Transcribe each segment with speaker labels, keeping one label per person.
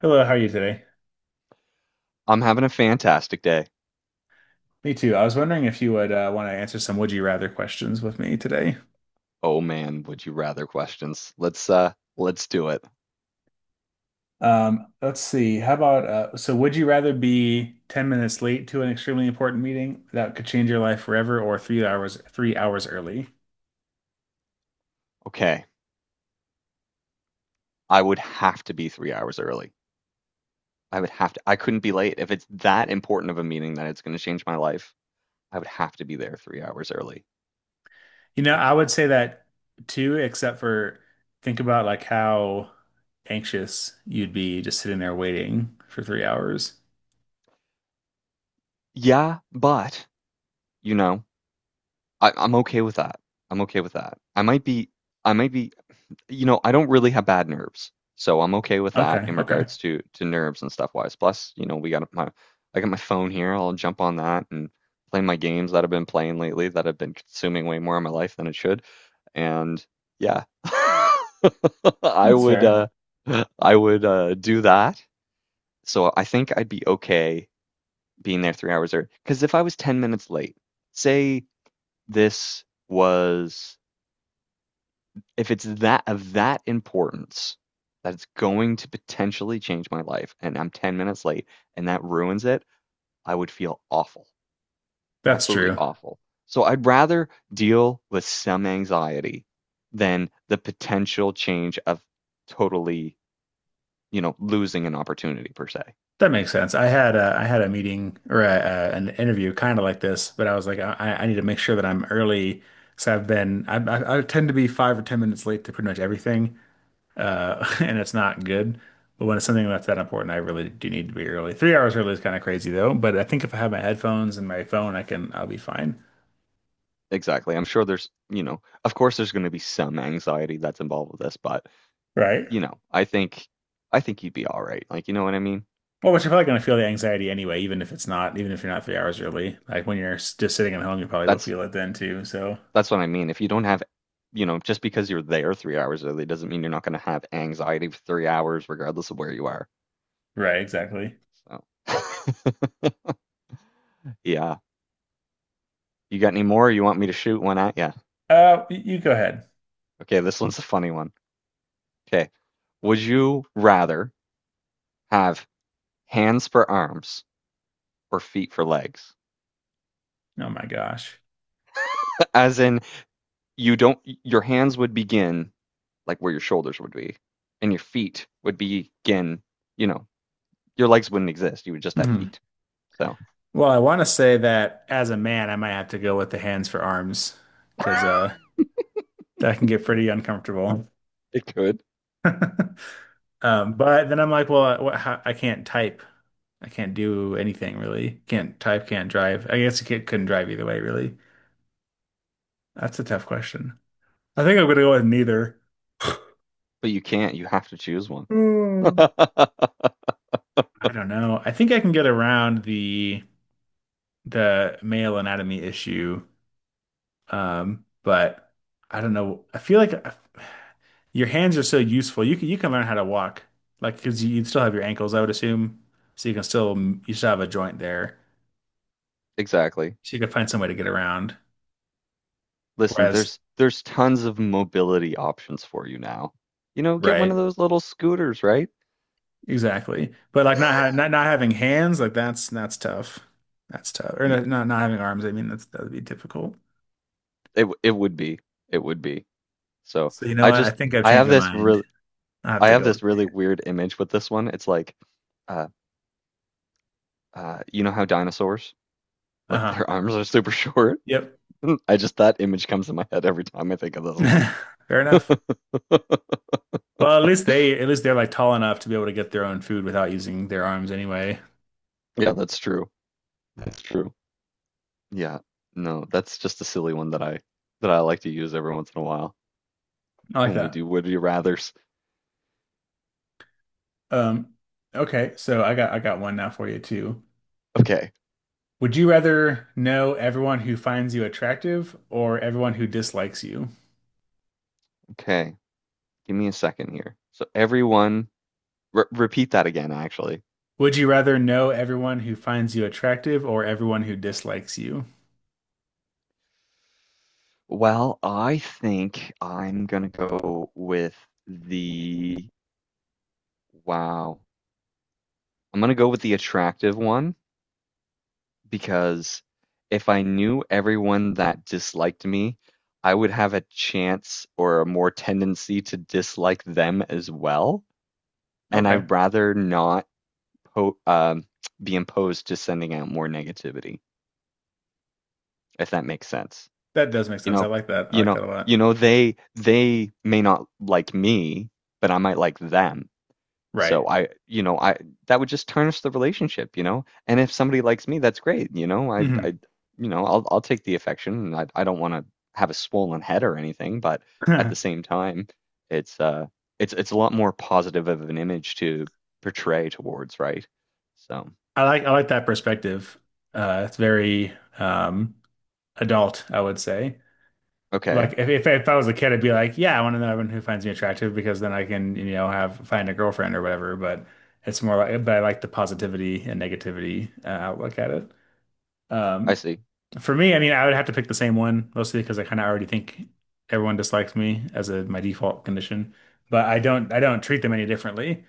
Speaker 1: Hello, how are you today?
Speaker 2: I'm having a fantastic day.
Speaker 1: Me too. I was wondering if you would want to answer some would you rather questions with me today.
Speaker 2: Oh man, would you rather questions. Let's do it.
Speaker 1: Let's see. How about so would you rather be 10 minutes late to an extremely important meeting that could change your life forever or three hours early?
Speaker 2: Okay. I would have to be 3 hours early. I would have to I couldn't be late. If it's that important of a meeting that it's gonna change my life, I would have to be there 3 hours early.
Speaker 1: I would say that too, except for think about like how anxious you'd be just sitting there waiting for 3 hours.
Speaker 2: Yeah, but you know, I'm okay with that. I'm okay with that. I might be I don't really have bad nerves, so I'm okay with that
Speaker 1: Okay,
Speaker 2: in
Speaker 1: okay.
Speaker 2: regards to nerves and stuff wise. Plus, you know, we got my I got my phone here. I'll jump on that and play my games that I've been playing lately that have been consuming way more of my life than it should. And yeah, I
Speaker 1: That's
Speaker 2: would
Speaker 1: fair.
Speaker 2: uh I would do that. So I think I'd be okay being there 3 hours early. Because if I was 10 minutes late, say this was if it's that of that importance that it's going to potentially change my life and I'm 10 minutes late and that ruins it, I would feel awful.
Speaker 1: That's
Speaker 2: Absolutely
Speaker 1: true.
Speaker 2: awful. So I'd rather deal with some anxiety than the potential change of totally, you know, losing an opportunity per se.
Speaker 1: That makes sense. I had a meeting or an interview kind of like this, but I was like, I need to make sure that I'm early. So I've been I tend to be 5 or 10 minutes late to pretty much everything, and it's not good. But when it's something that's that important, I really do need to be early. 3 hours early is kind of crazy though, but I think if I have my headphones and my phone, I'll be fine.
Speaker 2: Exactly. I'm sure there's, you know, of course there's going to be some anxiety that's involved with this, but
Speaker 1: Right.
Speaker 2: you know, I think I think you'd be all right. Like, you know what I mean?
Speaker 1: Well, but you're probably gonna feel the anxiety anyway, even if it's not, even if you're not 3 hours early. Like when you're just sitting at home, you probably will
Speaker 2: That's
Speaker 1: feel it then too. So,
Speaker 2: That's what I mean. If you don't have, you know, just because you're there 3 hours early doesn't mean you're not going to have anxiety for 3 hours, regardless of where you are.
Speaker 1: right, exactly.
Speaker 2: So, yeah. You got any more? You want me to shoot one at you?
Speaker 1: You go ahead.
Speaker 2: Okay, this one's a funny one. Okay. Would you rather have hands for arms or feet for legs?
Speaker 1: Oh my gosh.
Speaker 2: As in, you don't, your hands would begin like where your shoulders would be, and your feet would begin, you know, your legs wouldn't exist. You would just have
Speaker 1: Hmm.
Speaker 2: feet. So
Speaker 1: Well, I want to say that as a man, I might have to go with the hands for arms because that can get pretty uncomfortable.
Speaker 2: it could.
Speaker 1: But then I'm like, well, what, how, I can't type. I can't do anything really. Can't type, can't drive. I guess you can couldn't drive either way, really. That's a tough question. I think I'm gonna go with neither.
Speaker 2: But you can't. You have to choose one.
Speaker 1: Hmm. I don't know. I think I can get around the male anatomy issue. But I don't know. I feel like your hands are so useful. You can learn how to walk, like because you'd still have your ankles, I would assume. So you can still you still have a joint there,
Speaker 2: Exactly.
Speaker 1: so you can find some way to get around.
Speaker 2: Listen,
Speaker 1: Whereas,
Speaker 2: there's tons of mobility options for you now. You know, get one of
Speaker 1: right,
Speaker 2: those little scooters, right?
Speaker 1: exactly. But like not ha not not having hands, like that's tough. That's tough. Or
Speaker 2: Y-
Speaker 1: not having arms. I mean, that would be difficult.
Speaker 2: It would be. It would be. So
Speaker 1: So you know
Speaker 2: I
Speaker 1: what? I
Speaker 2: just
Speaker 1: think I've
Speaker 2: I
Speaker 1: changed
Speaker 2: have
Speaker 1: my
Speaker 2: this
Speaker 1: mind.
Speaker 2: really
Speaker 1: I have
Speaker 2: I
Speaker 1: to
Speaker 2: have
Speaker 1: go with.
Speaker 2: this really weird image with this one. It's like, uh, you know how dinosaurs, like
Speaker 1: Uh-huh.
Speaker 2: their arms are super short.
Speaker 1: Yep.
Speaker 2: I just that image comes in my head every time I think of this one.
Speaker 1: Fair enough. Well, at least they're like tall enough to be able to get their own food without using their arms anyway.
Speaker 2: Yeah, that's true. That's true. Yeah. No, that's just a silly one that I like to use every once in a while
Speaker 1: I like
Speaker 2: when we
Speaker 1: that.
Speaker 2: do would you rathers.
Speaker 1: Um, okay, so I got one now for you too.
Speaker 2: Okay.
Speaker 1: Would you rather know everyone who finds you attractive or everyone who dislikes you?
Speaker 2: Okay. Give me a second here. So everyone repeat that again actually.
Speaker 1: Would you rather know everyone who finds you attractive or everyone who dislikes you?
Speaker 2: Well, I think I'm going to go with the wow. I'm going to go with the attractive one because if I knew everyone that disliked me, I would have a chance or a more tendency to dislike them as well. And
Speaker 1: Okay,
Speaker 2: I'd rather not po- um, be imposed to sending out more negativity, if that makes sense.
Speaker 1: that does make
Speaker 2: You
Speaker 1: sense. I
Speaker 2: know,
Speaker 1: like that. I like that a lot.
Speaker 2: they may not like me, but I might like them.
Speaker 1: Right.
Speaker 2: So I, you know, I that would just tarnish the relationship, you know. And if somebody likes me, that's great, you know.
Speaker 1: Hmm.
Speaker 2: I'll take the affection. And I don't want to have a swollen head or anything, but at
Speaker 1: I
Speaker 2: the same time, it's uh, it's a lot more positive of an image to portray towards, right? So
Speaker 1: I like that perspective. It's very um, adult, I would say.
Speaker 2: okay,
Speaker 1: Like if I was a kid, I'd be like, yeah, I want to know everyone who finds me attractive because then I can, you know, have find a girlfriend or whatever. But it's more like, but I like the positivity and negativity outlook at it.
Speaker 2: I
Speaker 1: Um,
Speaker 2: see.
Speaker 1: for me, I mean, I would have to pick the same one mostly because I kind of already think everyone dislikes me as a my default condition. But I don't treat them any differently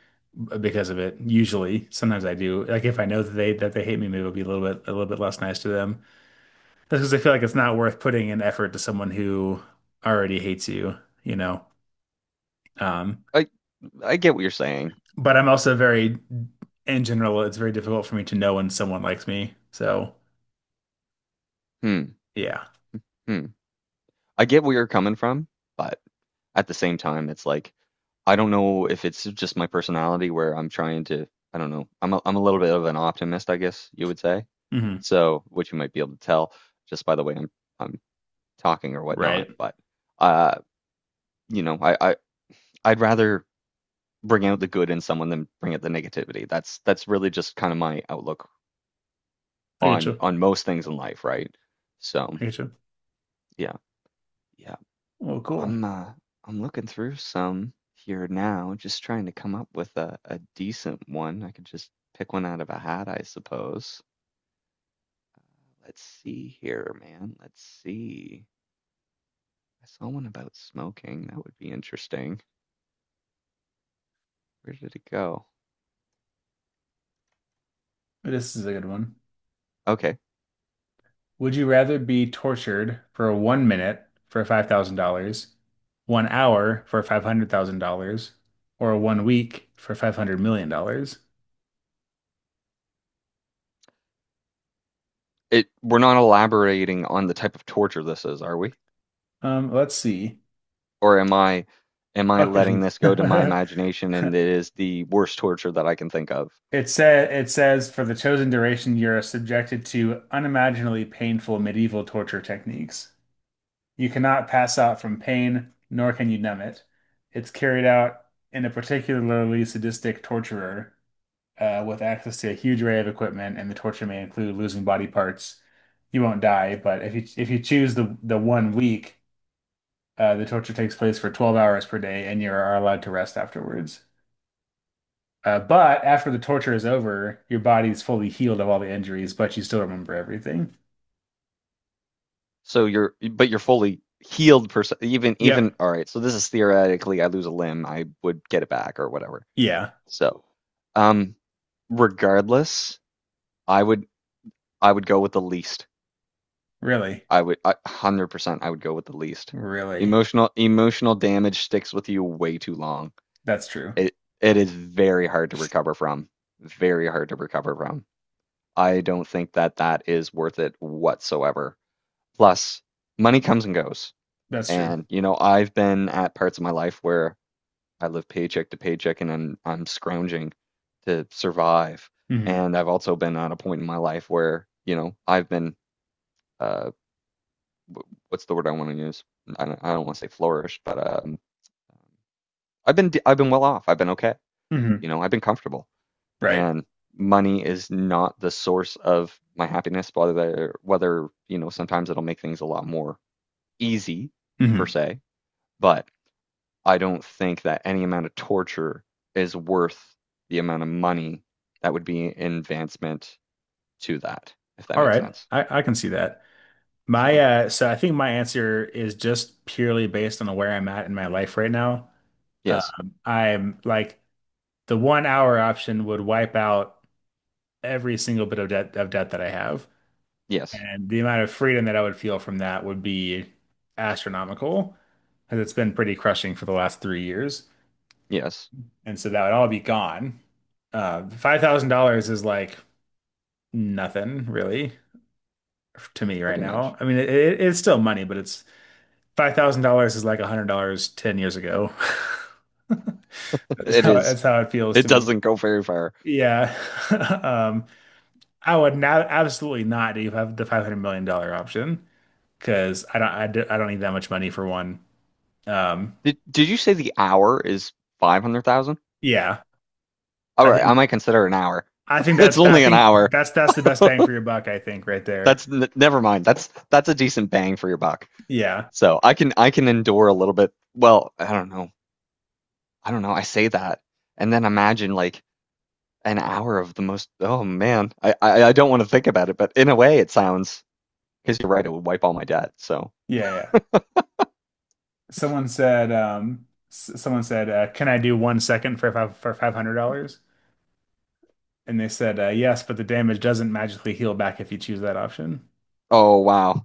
Speaker 1: because of it. Usually, sometimes I do. Like if I know that they hate me, maybe it'll be a little bit less nice to them. That's because I feel like it's not worth putting an effort to someone who already hates you, you know. Um,
Speaker 2: I I get what you're saying.
Speaker 1: but I'm also very, in general, it's very difficult for me to know when someone likes me. So
Speaker 2: Hmm,
Speaker 1: yeah.
Speaker 2: hmm. I get where you're coming from, but at the same time, it's like I don't know if it's just my personality where I'm trying to, I don't know. I'm a little bit of an optimist, I guess you would say.
Speaker 1: Hmm.
Speaker 2: So, which you might be able to tell just by the way I'm talking or
Speaker 1: Right.
Speaker 2: whatnot. But uh, you know, I'd rather bring out the good in someone than bring out the negativity. That's really just kind of my outlook
Speaker 1: I get
Speaker 2: on
Speaker 1: you.
Speaker 2: most things in life, right? So,
Speaker 1: I get you.
Speaker 2: yeah.
Speaker 1: Well, cool.
Speaker 2: I'm uh I'm looking through some here now, just trying to come up with a decent one. I could just pick one out of a hat, I suppose. Let's see here, man. Let's see. I saw one about smoking. That would be interesting. Where did it go?
Speaker 1: This is a good one.
Speaker 2: Okay.
Speaker 1: Would you rather be tortured for one minute for $5,000, one hour for $500,000, or one week for $500 million dollars?
Speaker 2: It we're not elaborating on the type of torture this is, are we?
Speaker 1: Let's see.
Speaker 2: Or am I letting
Speaker 1: Okay.
Speaker 2: this go to my imagination and it is the worst torture that I can think of?
Speaker 1: It says for the chosen duration, you're subjected to unimaginably painful medieval torture techniques. You cannot pass out from pain, nor can you numb it. It's carried out in a particularly sadistic torturer with access to a huge array of equipment, and the torture may include losing body parts. You won't die, but if you choose the one week, the torture takes place for 12 hours per day, and you are allowed to rest afterwards. But after the torture is over, your body's fully healed of all the injuries, but you still remember everything.
Speaker 2: So you're, but you're fully healed person.
Speaker 1: Yep.
Speaker 2: All right. So this is theoretically, I lose a limb, I would get it back or whatever.
Speaker 1: Yeah.
Speaker 2: So, um, regardless, I would, I would go with the least.
Speaker 1: Really.
Speaker 2: 100%, I would go with the least.
Speaker 1: Really.
Speaker 2: Emotional damage sticks with you way too long.
Speaker 1: That's true.
Speaker 2: It, it is very hard to recover from. Very hard to recover from. I don't think that that is worth it whatsoever. Plus, money comes and goes.
Speaker 1: That's true.
Speaker 2: And, you know, I've been at parts of my life where I live paycheck to paycheck and I'm scrounging to survive.
Speaker 1: Hmm.
Speaker 2: And I've also been at a point in my life where, you know, uh wh- what's the word I want to use? I don't want to say flourish, but um I've been well off. I've been okay. You
Speaker 1: Hmm.
Speaker 2: know, I've been comfortable.
Speaker 1: Right.
Speaker 2: And money is not the source of my happiness, whether, you know, sometimes it'll make things a lot more easy
Speaker 1: Hmm.
Speaker 2: per se, but I don't think that any amount of torture is worth the amount of money that would be an advancement to that, if that
Speaker 1: All
Speaker 2: makes
Speaker 1: right.
Speaker 2: sense.
Speaker 1: I can see that. My
Speaker 2: So,
Speaker 1: So I think my answer is just purely based on where I'm at in my life right now.
Speaker 2: yes,
Speaker 1: I'm like the one hour option would wipe out every single bit of debt that I have.
Speaker 2: yes,
Speaker 1: And the amount of freedom that I would feel from that would be astronomical, because it's been pretty crushing for the last 3 years.
Speaker 2: yes,
Speaker 1: And so that would all be gone. $5,000 is like nothing really to me right
Speaker 2: pretty much.
Speaker 1: now. I mean, it's still money, but it's $5,000 is like $100 10 years ago. That's
Speaker 2: It
Speaker 1: how,
Speaker 2: is.
Speaker 1: that's how it feels
Speaker 2: It
Speaker 1: to me.
Speaker 2: doesn't go very far.
Speaker 1: Yeah. Um, I would now absolutely not do have the $500 million dollar option because I don't need that much money for one. Um,
Speaker 2: Did you say the hour is 500,000?
Speaker 1: Yeah.
Speaker 2: All
Speaker 1: I
Speaker 2: right, I
Speaker 1: think
Speaker 2: might consider an hour. It's
Speaker 1: I
Speaker 2: only an
Speaker 1: think
Speaker 2: hour.
Speaker 1: that's the best bang for your buck, I think, right there.
Speaker 2: Never mind. That's a decent bang for your buck.
Speaker 1: Yeah.
Speaker 2: So, I can endure a little bit. Well, I don't know. I don't know. I say that and then imagine like an hour of the most. Oh man, I don't want to think about it, but in a way, it sounds because you're right. It would wipe all my debt. So
Speaker 1: Yeah, yeah. Someone said "Can I do one second for $500?" And they said, "Yes, but the damage doesn't magically heal back if you choose that option."
Speaker 2: oh wow,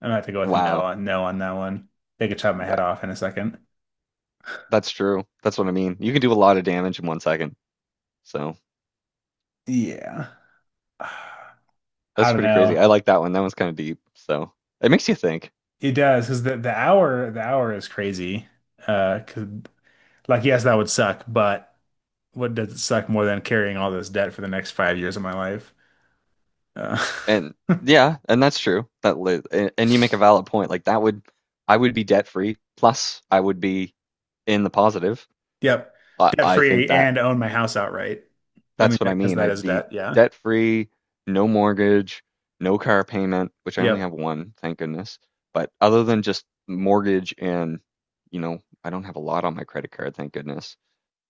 Speaker 1: I'm gonna have to go with a no
Speaker 2: wow,
Speaker 1: on no on that one. They could chop my head
Speaker 2: Th-
Speaker 1: off in a second.
Speaker 2: that's true. That's what I mean. You can do a lot of damage in 1 second. So
Speaker 1: Yeah. I
Speaker 2: that's
Speaker 1: don't
Speaker 2: pretty crazy.
Speaker 1: know.
Speaker 2: I like that one. That one's kind of deep. So it makes you think.
Speaker 1: It does because the hour is crazy. Uh, 'cause- like yes, that would suck, but what does it suck more than carrying all this debt for the next 5 years of my life? Uh,
Speaker 2: And yeah, and that's true. That li- a- and you make a valid point. Like that would I would be debt free. Plus, I would be in the positive.
Speaker 1: yep. Debt
Speaker 2: I think
Speaker 1: free
Speaker 2: that
Speaker 1: and own my house outright. I mean,
Speaker 2: that's what I
Speaker 1: because
Speaker 2: mean.
Speaker 1: that
Speaker 2: I'd
Speaker 1: is
Speaker 2: be
Speaker 1: debt. Yeah.
Speaker 2: debt free, no mortgage, no car payment, which I only
Speaker 1: Yep.
Speaker 2: have one, thank goodness. But other than just mortgage and, you know, I don't have a lot on my credit card, thank goodness.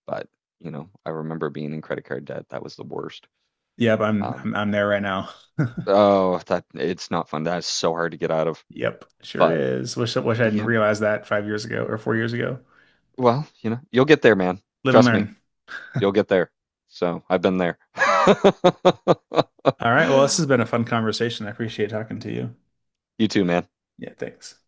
Speaker 2: But, you know, I remember being in credit card debt. That was the worst.
Speaker 1: Yep. I'm,
Speaker 2: Um,
Speaker 1: I'm, I'm there right now.
Speaker 2: oh, that it's not fun. That is so hard to get out of.
Speaker 1: Yep. Sure
Speaker 2: But
Speaker 1: is. Wish I didn't
Speaker 2: yeah,
Speaker 1: realize that 5 years ago or 4 years ago.
Speaker 2: well, you know, you'll get there, man.
Speaker 1: Live and
Speaker 2: Trust me,
Speaker 1: learn.
Speaker 2: you'll get there. So I've been there.
Speaker 1: All right. Well, this has been a fun conversation. I appreciate talking to you.
Speaker 2: You too, man.
Speaker 1: Yeah. Thanks.